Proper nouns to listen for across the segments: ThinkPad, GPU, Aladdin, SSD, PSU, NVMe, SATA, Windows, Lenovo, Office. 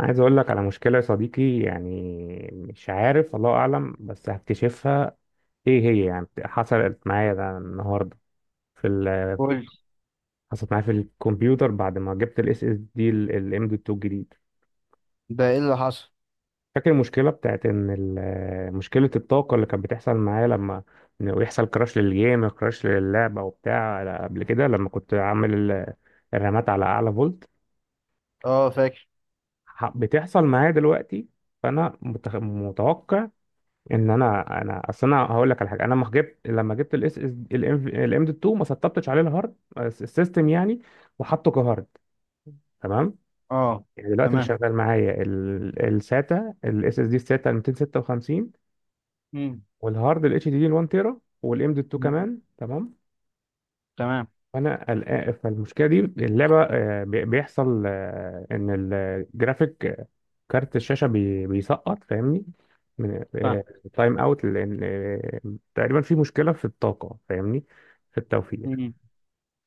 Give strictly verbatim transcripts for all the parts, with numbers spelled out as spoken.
عايز اقول لك على مشكلة يا صديقي يعني، مش عارف، الله اعلم بس هكتشفها. ايه هي؟ يعني حصلت معايا ده النهاردة في ال... قول. حصلت معايا في الكمبيوتر بعد ما جبت الاس اس دي الام دي اتنين الجديد. ده ايه اللي حصل؟ فاكر المشكلة بتاعت ان ال... مشكلة الطاقة اللي كانت بتحصل معايا لما إنه يحصل كراش للجيم كراش للعبة وبتاع، قبل كده لما كنت عامل ال- الرامات على اعلى فولت. اه، فاكر. ح- بتحصل معايا دلوقتي. فانا متخ... متوقع ان انا انا اصل انا هقول لك على حاجه، انا لما جبت لما جبت الاس اس الام دي اتنين ما سطبتش عليه الهارد الس- السيستم يعني، وحطه كهارد. تمام. اه يعني دلوقتي اللي تمام. تمام شغال معايا ال- الساتا، الاس اس دي الساتا ميتين وستة وخمسين، مم. والهارد الاتش دي دي واحد تيرا، والام دي اتنين مم. كمان. تمام. تمام. فانا قلقان فالمشكله دي، اللعبه آه، بي- بيحصل، آه، ان الجرافيك كارت الشاشة بي... بيسقط، فاهمني، من فاهم. تايم اوت، لان آه، تقريبا في مشكلة في الطاقة، فاهمني، في التوفير. مم.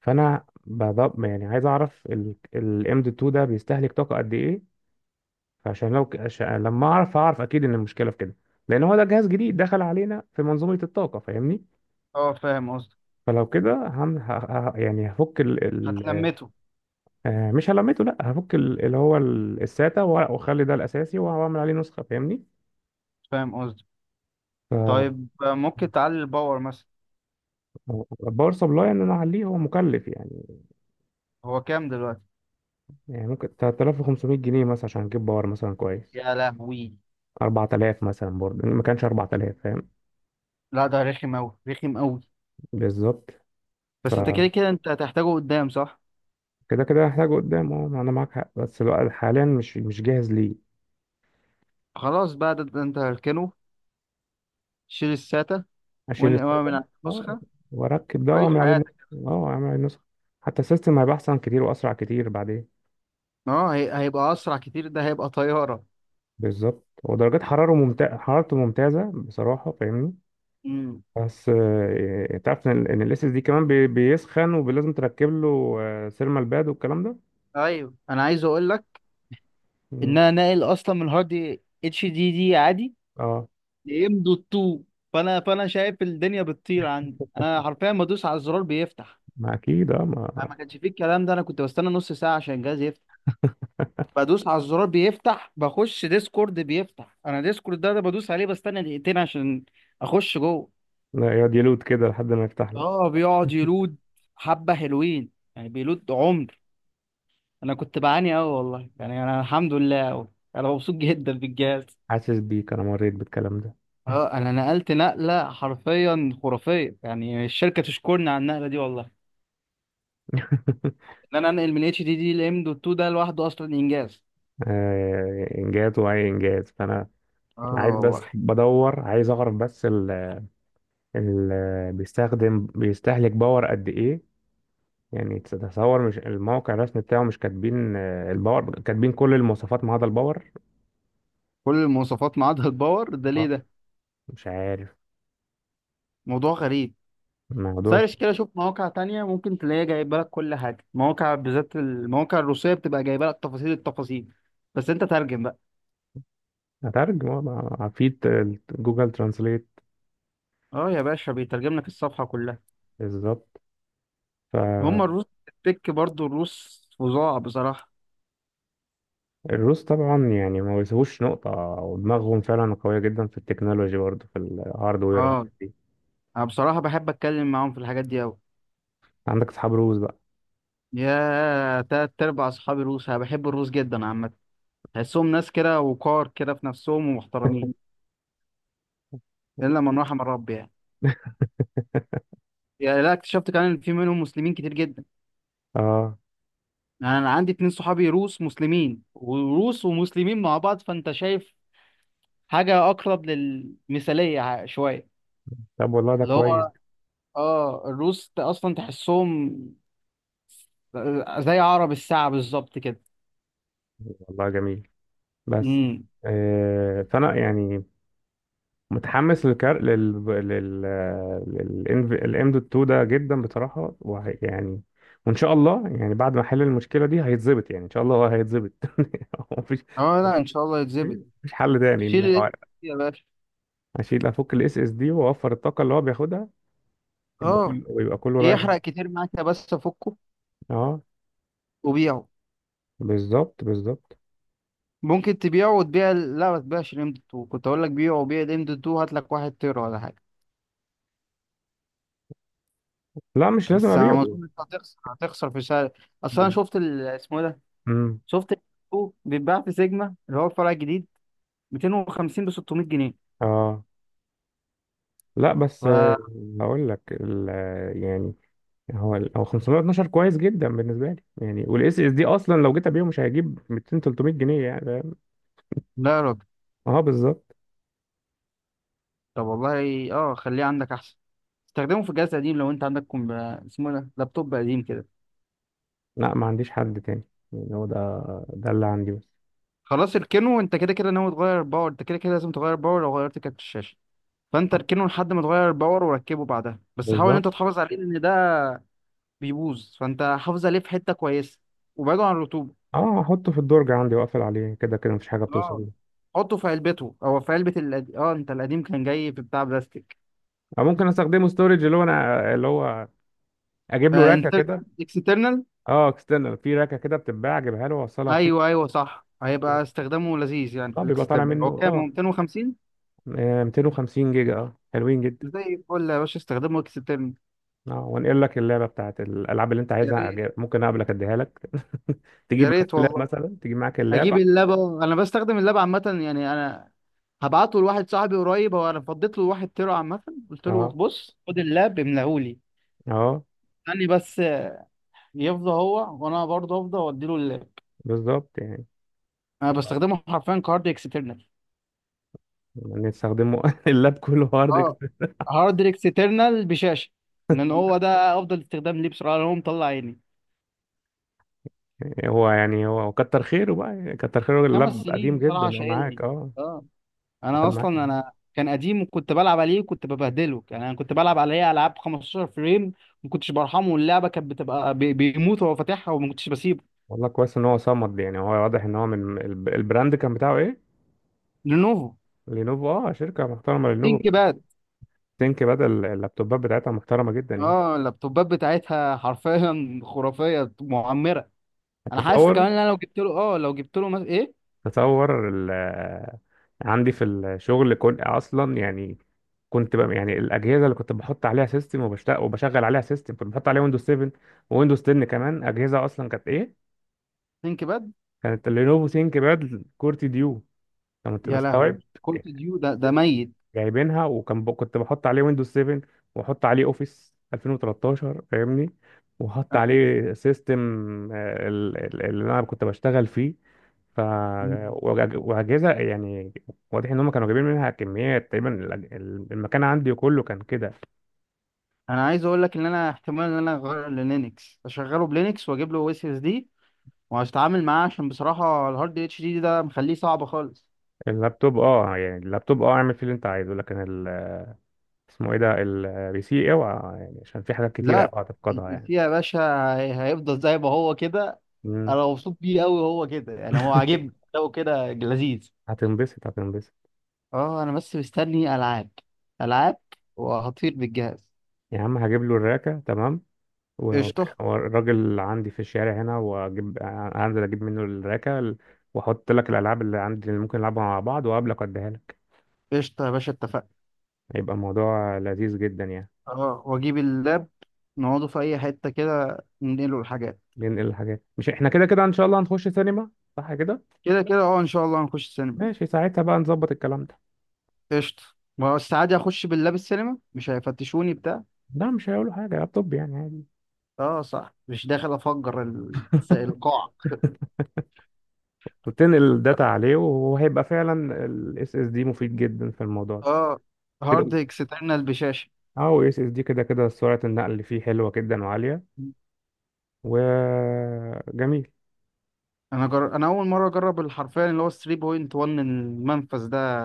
فانا بضب يعني عايز اعرف الام دي اتنين ده بيستهلك طاقة قد ايه، فعشان لو ك- عشان لما اعرف اعرف اكيد ان المشكلة في كده. لان هو ده جهاز جديد دخل علينا في منظومة الطاقة، فاهمني. اه فاهم قصدي. فلو كده هم ه... ه... يعني هفك ال... ال... هتلمته. آه، مش هلمته، لا هفك ال... اللي هو ال- الساتا، وأ- واخلي ده الاساسي واعمل عليه نسخة، فاهمني. فاهم قصدي. طيب، آه، ممكن تعلي الباور مثلا. هو باور سبلاي ان انا اعليه هو مكلف يعني، هو كام دلوقتي؟ يعني ممكن ثلاثة آلاف وخمسمائة جنيه مثلا عشان اجيب باور مثلا كويس. يا لهوي. اربعة الاف مثلا، برضه ما كانش اربعة الاف، فاهم. لا، ده رخم اوي رخم اوي. بالظبط. بس انت فكده كده كده انت هتحتاجه قدام، صح؟ كده هحتاجه قدام، اه انا معاك حق بس الوقت حاليا مش مش جاهز ليه. خلاص بقى، ده, ده انت هركنه. شيل الساتا اشيل وانقع من الساده، على اه، النسخة. واركب ده عيش واعمل عليه نسخ. حياتك. اه، اعمل عليه نسخ، حتى السيستم هيبقى احسن كتير واسرع كتير بعدين. اه، هي... هيبقى اسرع كتير، ده هيبقى طيارة. بالظبط، ودرجات حراره ممتازه، حرارته ممتازه بصراحه، فاهمني. مم. بس آه، آه، تعرف ان ال- إن ال اس دي كمان بي- بيسخن، ولازم تركب له آه، سيرمال باد والكلام ده. ايوه، انا عايز اقول لك ان مم. انا ناقل اصلا من هارد اتش دي دي عادي اه، لام دوت اتنين. فانا فانا شايف الدنيا بتطير عندي، انا حرفيا بدوس على الزرار بيفتح. ما اكيد، اه، انا ما. ما كانش فيه الكلام ده، انا كنت بستنى نص ساعه عشان الجهاز يفتح. بدوس على الزرار بيفتح، بخش ديسكورد بيفتح، انا ديسكورد ده, ده بدوس عليه بستنى دقيقتين عشان اخش جوه. لا، يقعد يلوت كده لحد ما يفتح لك. اه بيقعد يلود حبه حلوين، يعني بيلود عمر. انا كنت بعاني قوي، والله يعني انا الحمد لله قوي. انا مبسوط جدا بالجهاز. حاسس بيك، انا مريت بالكلام ده. اه انا نقلت نقله حرفيا خرافيه، يعني الشركه تشكرني على النقله دي والله. ان انا انقل من اتش دي دي لام دوت اتنين ده لوحده اصلا انجاز. آه، انجاز، واي انجاز. فانا انا اه عايز، اه بس والله. بدور، عايز اعرف بس ال ال بيستخدم بيستهلك باور قد ايه. يعني تتصور مش الموقع الرسمي بتاعه مش كاتبين آه، الباور؟ كاتبين كل المواصفات ما عدا الباور. كل المواصفات ما عدا الباور، ده ليه اه، ده؟ مش عارف موضوع غريب. الموضوع. سيرش كده، شوف مواقع تانية، ممكن تلاقيها جايبه لك كل حاجه. مواقع بالذات المواقع الروسيه بتبقى جايبه لك تفاصيل التفاصيل، بس انت ترجم بقى. هتعرف ما- في ت- جوجل ترانسليت. اه يا باشا بيترجم لك الصفحه كلها. بالظبط. هم فالروس الروس التك برضو، الروس فظاع بصراحه. طبعا يعني ما بيسيبوش نقطة، ودماغهم فعلا قوية جدا في التكنولوجي برضه، في الهاردوير اه والحاجات دي. انا بصراحه بحب اتكلم معاهم في الحاجات دي أوي. عندك أصحاب روس بقى؟ يا تلات أرباع أصحابي روس، أنا بحب الروس جدا عامة. تحسهم ناس كده، وقار كده في نفسهم ومحترمين، إلا من رحم الرب يعني. يعني لا، اكتشفت كمان إن في منهم مسلمين كتير جدا. اه، يعني أنا عندي اتنين صحابي روس مسلمين، وروس ومسلمين مع بعض فأنت شايف حاجة أقرب للمثالية ع- شوية. طب والله ده اللي هو، كويس. آه الروس ت- أصلا تحسهم زي عرب الساعة بالظبط كده. والله جميل. بس امم. آه، فأنا يعني متحمس للكار لل لل للام دوت اتنين ده جدا بصراحة، وهي يعني، وإن شاء الله يعني بعد ما أحل المشكلة دي هيتظبط، يعني إن شاء الله هو هيتظبط. مفيش اه لا، ان شاء الله يتظبط. مفيش حل تاني، ان شيل الاكس هو يا باشا. اشيل افك الاس اس دي واوفر الطاقه اللي هو بياخدها، يبقى اه كله ويبقى كله رايح. يحرق كتير معاك يا، بس فكه اه، وبيعه. بالظبط بالظبط. ممكن تبيعه وتبيع ال- لا، ما تبيعش الام دوت اتنين، كنت اقول لك بيعه وبيع الام دوت اتنين، هات لك واحد تيرا ولا حاجه. لا مش لازم بس انا ما ابيعه. اظنش، هتخسر هتخسر في سعر. اصل انا شفت ال- اسمه إيه ده، امم، شفت ال اتنين بيتباع في سيجما اللي هو الفرع الجديد ميتين وخمسين ب ستمية جنيه. اه، لا ف بس آه، هقول لك ال- آه، يعني هو ال- هو خمسمية واتناشر كويس جدا بالنسبه لي يعني. والاس اس دي اصلا لو جيت ابيعه مش هيجيب ميتين تلتمية جنيه يعني، فاهم؟ لا يا راجل. اه بالظبط. طب والله اه خليه عندك احسن. استخدمه في جهاز قديم لو انت عندك كم... اسمه إيه ده، لابتوب قديم كده. لا ما عنديش حد تاني، يعني هو ده ده اللي عندي بس. خلاص اركنه، انت كده كده ناوي تغير باور، انت كده كده لازم تغير باور لو غيرت كارت الشاشه. فانت اركنه لحد ما تغير الباور وركبه بعدها، بس حاول ان بالظبط. انت تحافظ عليه لان ده بيبوظ، فانت حافظ عليه في حته كويسه وبعده عن الرطوبه. اه هحطه في الدرج عندي واقفل عليه، كده كده مفيش حاجه اه بتوصل. حطه في علبته او في علبه القديم. اه انت القديم كان جاي في بتاع بلاستيك. او ممكن استخدمه ستورج، اللي هو انا اللي هو اجيب له راكه فانترنال كده. اكسترنال. اه، اكسترنال في راكه كده بتتباع، اجيبها له واوصلها فيه. ايوه ايوه صح، هيبقى استخدامه لذيذ يعني اه، في بيبقى طالع الاكسترنال. هو منه كام، هو اه. ميتين وخمسين؟ آه، ميتين وخمسين جيجا، اه، حلوين جدا. زي الفل يا باشا، استخدمه اكسترنال. اه، وانقل لك اللعبه بتاعت الالعاب اللي انت يا عايزها. ريت. أجي- ممكن اقابلك اديها لك. تجيب يا معاك ريت اللاب، والله. مثلا تجيب معاك اللاب اجيب اللبه، انا بستخدم اللبه عامه، يعني انا هبعته لواحد صاحبي قريب، هو انا فضيت له واحد تيرا عامه، قلت له اه، بص خد اللاب املاهولي. اه. استني بس يفضى هو وانا برضه افضى وادي له اللاب. بالظبط، يعني انا بستخدمه حرفيا كهارد اكسترنال. نستخدمه. اللاب كله هارد اه هارد اكسترنال بشاشه، لان هو اكسترنال. ده افضل استخدام ليه بصراحه، لأن هو مطلع عيني هو يعني هو كتر خيره بقى، يعني كتر خيره. خمس اللاب سنين قديم بصراحه جدا، هو معاك شايلني. اه. اه انا قعد معاك. اصلا انا كان قديم وكنت بلعب عليه وكنت ببهدله، يعني انا كنت بلعب عليه العاب خمسة عشر فريم، ما كنتش برحمه، واللعبه كانت بتبقى بي- بيموت وهو فاتحها وما كنتش بسيبه. والله كويس ان هو صمد، يعني هو واضح ان هو من الب- البراند. كان بتاعه ايه؟ لينوفو. لينوفو. اه، شركه محترمه لينوفو تيجي بقى. ثينك بدل. اللابتوبات بتاعتها محترمه جدا يعني. اه اللابتوبات بتاعتها حرفيا خرافيه معمره. انا حاسس تصور كمان ان انا لو جبت له، اه لو جبت له مثلا ايه، تصور ال- آه، عندي في الشغل، كنت اصلا يعني كنت بقى، يعني الاجهزه اللي كنت بحط عليها سيستم وبشتغل وبشغل عليها سيستم، كنت بحط عليها ويندوز سبعة، ويندوز عشرة كمان. اجهزه اصلا كانت ايه؟ ثينك باد. كانت اللينوفو ثينك باد كورتي ديو، انت يا لهوي، مستوعب؟ كول اوف ديو، ده ده ميت. جايبينها، وكان ب... كنت بحط عليه ويندوز سبعة واحط عليه اوفيس الفين وتلتاشر، فاهمني، وحط أ- عليه سيستم، آه، ال- ال- اللي انا كنت بشتغل فيه. ف وأج- واجهزه يعني، واضح ان هم كانوا جايبين منها كميات تقريبا. الأج- ال- المكان عندي كله كان كده. انا عايز اقول لك ان انا احتمال ان انا اغير للينكس، اشغله بلينكس واجيب له اس اس دي وهتعامل معاه، عشان بصراحه الهارد اتش دي ده مخليه صعب خالص. اللابتوب، اه يعني اللابتوب، اه اعمل فيه اللي انت عايزه، لكن ال... اسمه ايه ده، البي سي اوعى يعني، عشان في حاجات كتيره لا، اوعى تفقدها البي يعني. سي يا باشا هي- هيفضل زي ما هو كده. مم. انا مبسوط بيه قوي، هو كده يعني هو عاجبني، لو كده لذيذ. هتنبسط هتنبسط. اه انا بس مستني العاب، العاب، وهطير بالجهاز. يا عم، هجيب له الراكه تمام، و- قشطه. والراجل عندي في الشارع هنا، واجيب انزل اجيب منه الراكه، واحط لك الالعاب اللي عندي اللي ممكن نلعبها مع بعض، وقابلك واديها لك. قشطه يا باشا اتفقنا. هيبقى الموضوع لذيذ جدا يعني. اه واجيب اللاب، نقعده في اي حته كده، ننقله الحاجات. ننقل الحاجات، مش احنا كده كده ان شاء الله هنخش سينما؟ صح كده. كده كده اه ان شاء الله هنخش السينما. ماشي، ساعتها بقى نظبط الكلام ده. قشطه. ما هو عادي اخش باللاب السينما، مش هيفتشوني بتاع. لا، مش هيقولوا حاجه، لابتوب يعني عادي. اه صح، مش داخل افجر ال- القاعه. وتنقل الداتا عليه، وهيبقى فعلا الاس اس دي مفيد جدا في الموضوع ده اه هارد كده. اكسترنال بشاشه. اه، اس اس دي كده كده سرعه النقل اللي فيه حلوه جدا وعاليه، وجميل. انا جر... انا اول مره اجرب الحرفان اللي هو تلاته نقطه واحد المنفذ ده،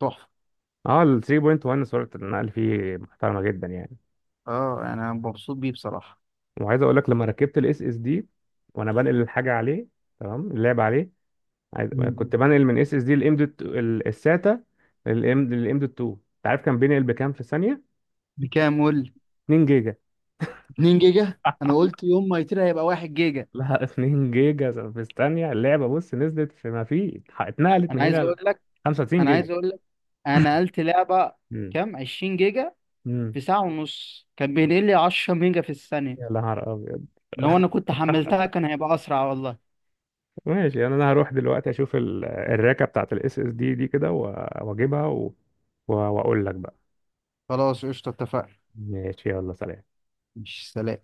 تحفه. اه، ال تلاتة فاصلة واحد سرعة النقل فيه محترمة جدا يعني. اه يعني انا مبسوط بيه بصراحه. وعايز اقول لك لما ركبت الاس اس دي وانا بنقل الحاجة عليه، تمام اللعب عليه. عايز... مم. مم. كنت بنقل من اس اس دي الام دوت الساتا للام للام دوت اتنين، انت عارف كان بينقل بكام في ثانية؟ بكام؟ قول. اتنين جيجا. اتنين جيجا. انا قلت يوم ما يطير هيبقى واحد جيجا. لا. اتنين جيجا في الثانية. اللعبة بص، نزلت في ما في اتنقلت انا من عايز هنا ل اقول كتير، لك، خمسة وتسعين انا عايز جيجا. اقول لك، انا نقلت لعبه امم كام، عشرين جيجا، امم في ساعه ونص كان بينقل لي عشره ميجا في الثانيه. يا نهار ابيض. لو انا كنت حملتها كان هيبقى اسرع والله. ماشي يعني، انا هروح دلوقتي اشوف ال- الراكه بتاعت الاس اس دي دي كده، و- واجيبها، و- و- واقول لك بقى. خلاص قشطه اتفقنا. ماشي، يلا سلام. مش سلام.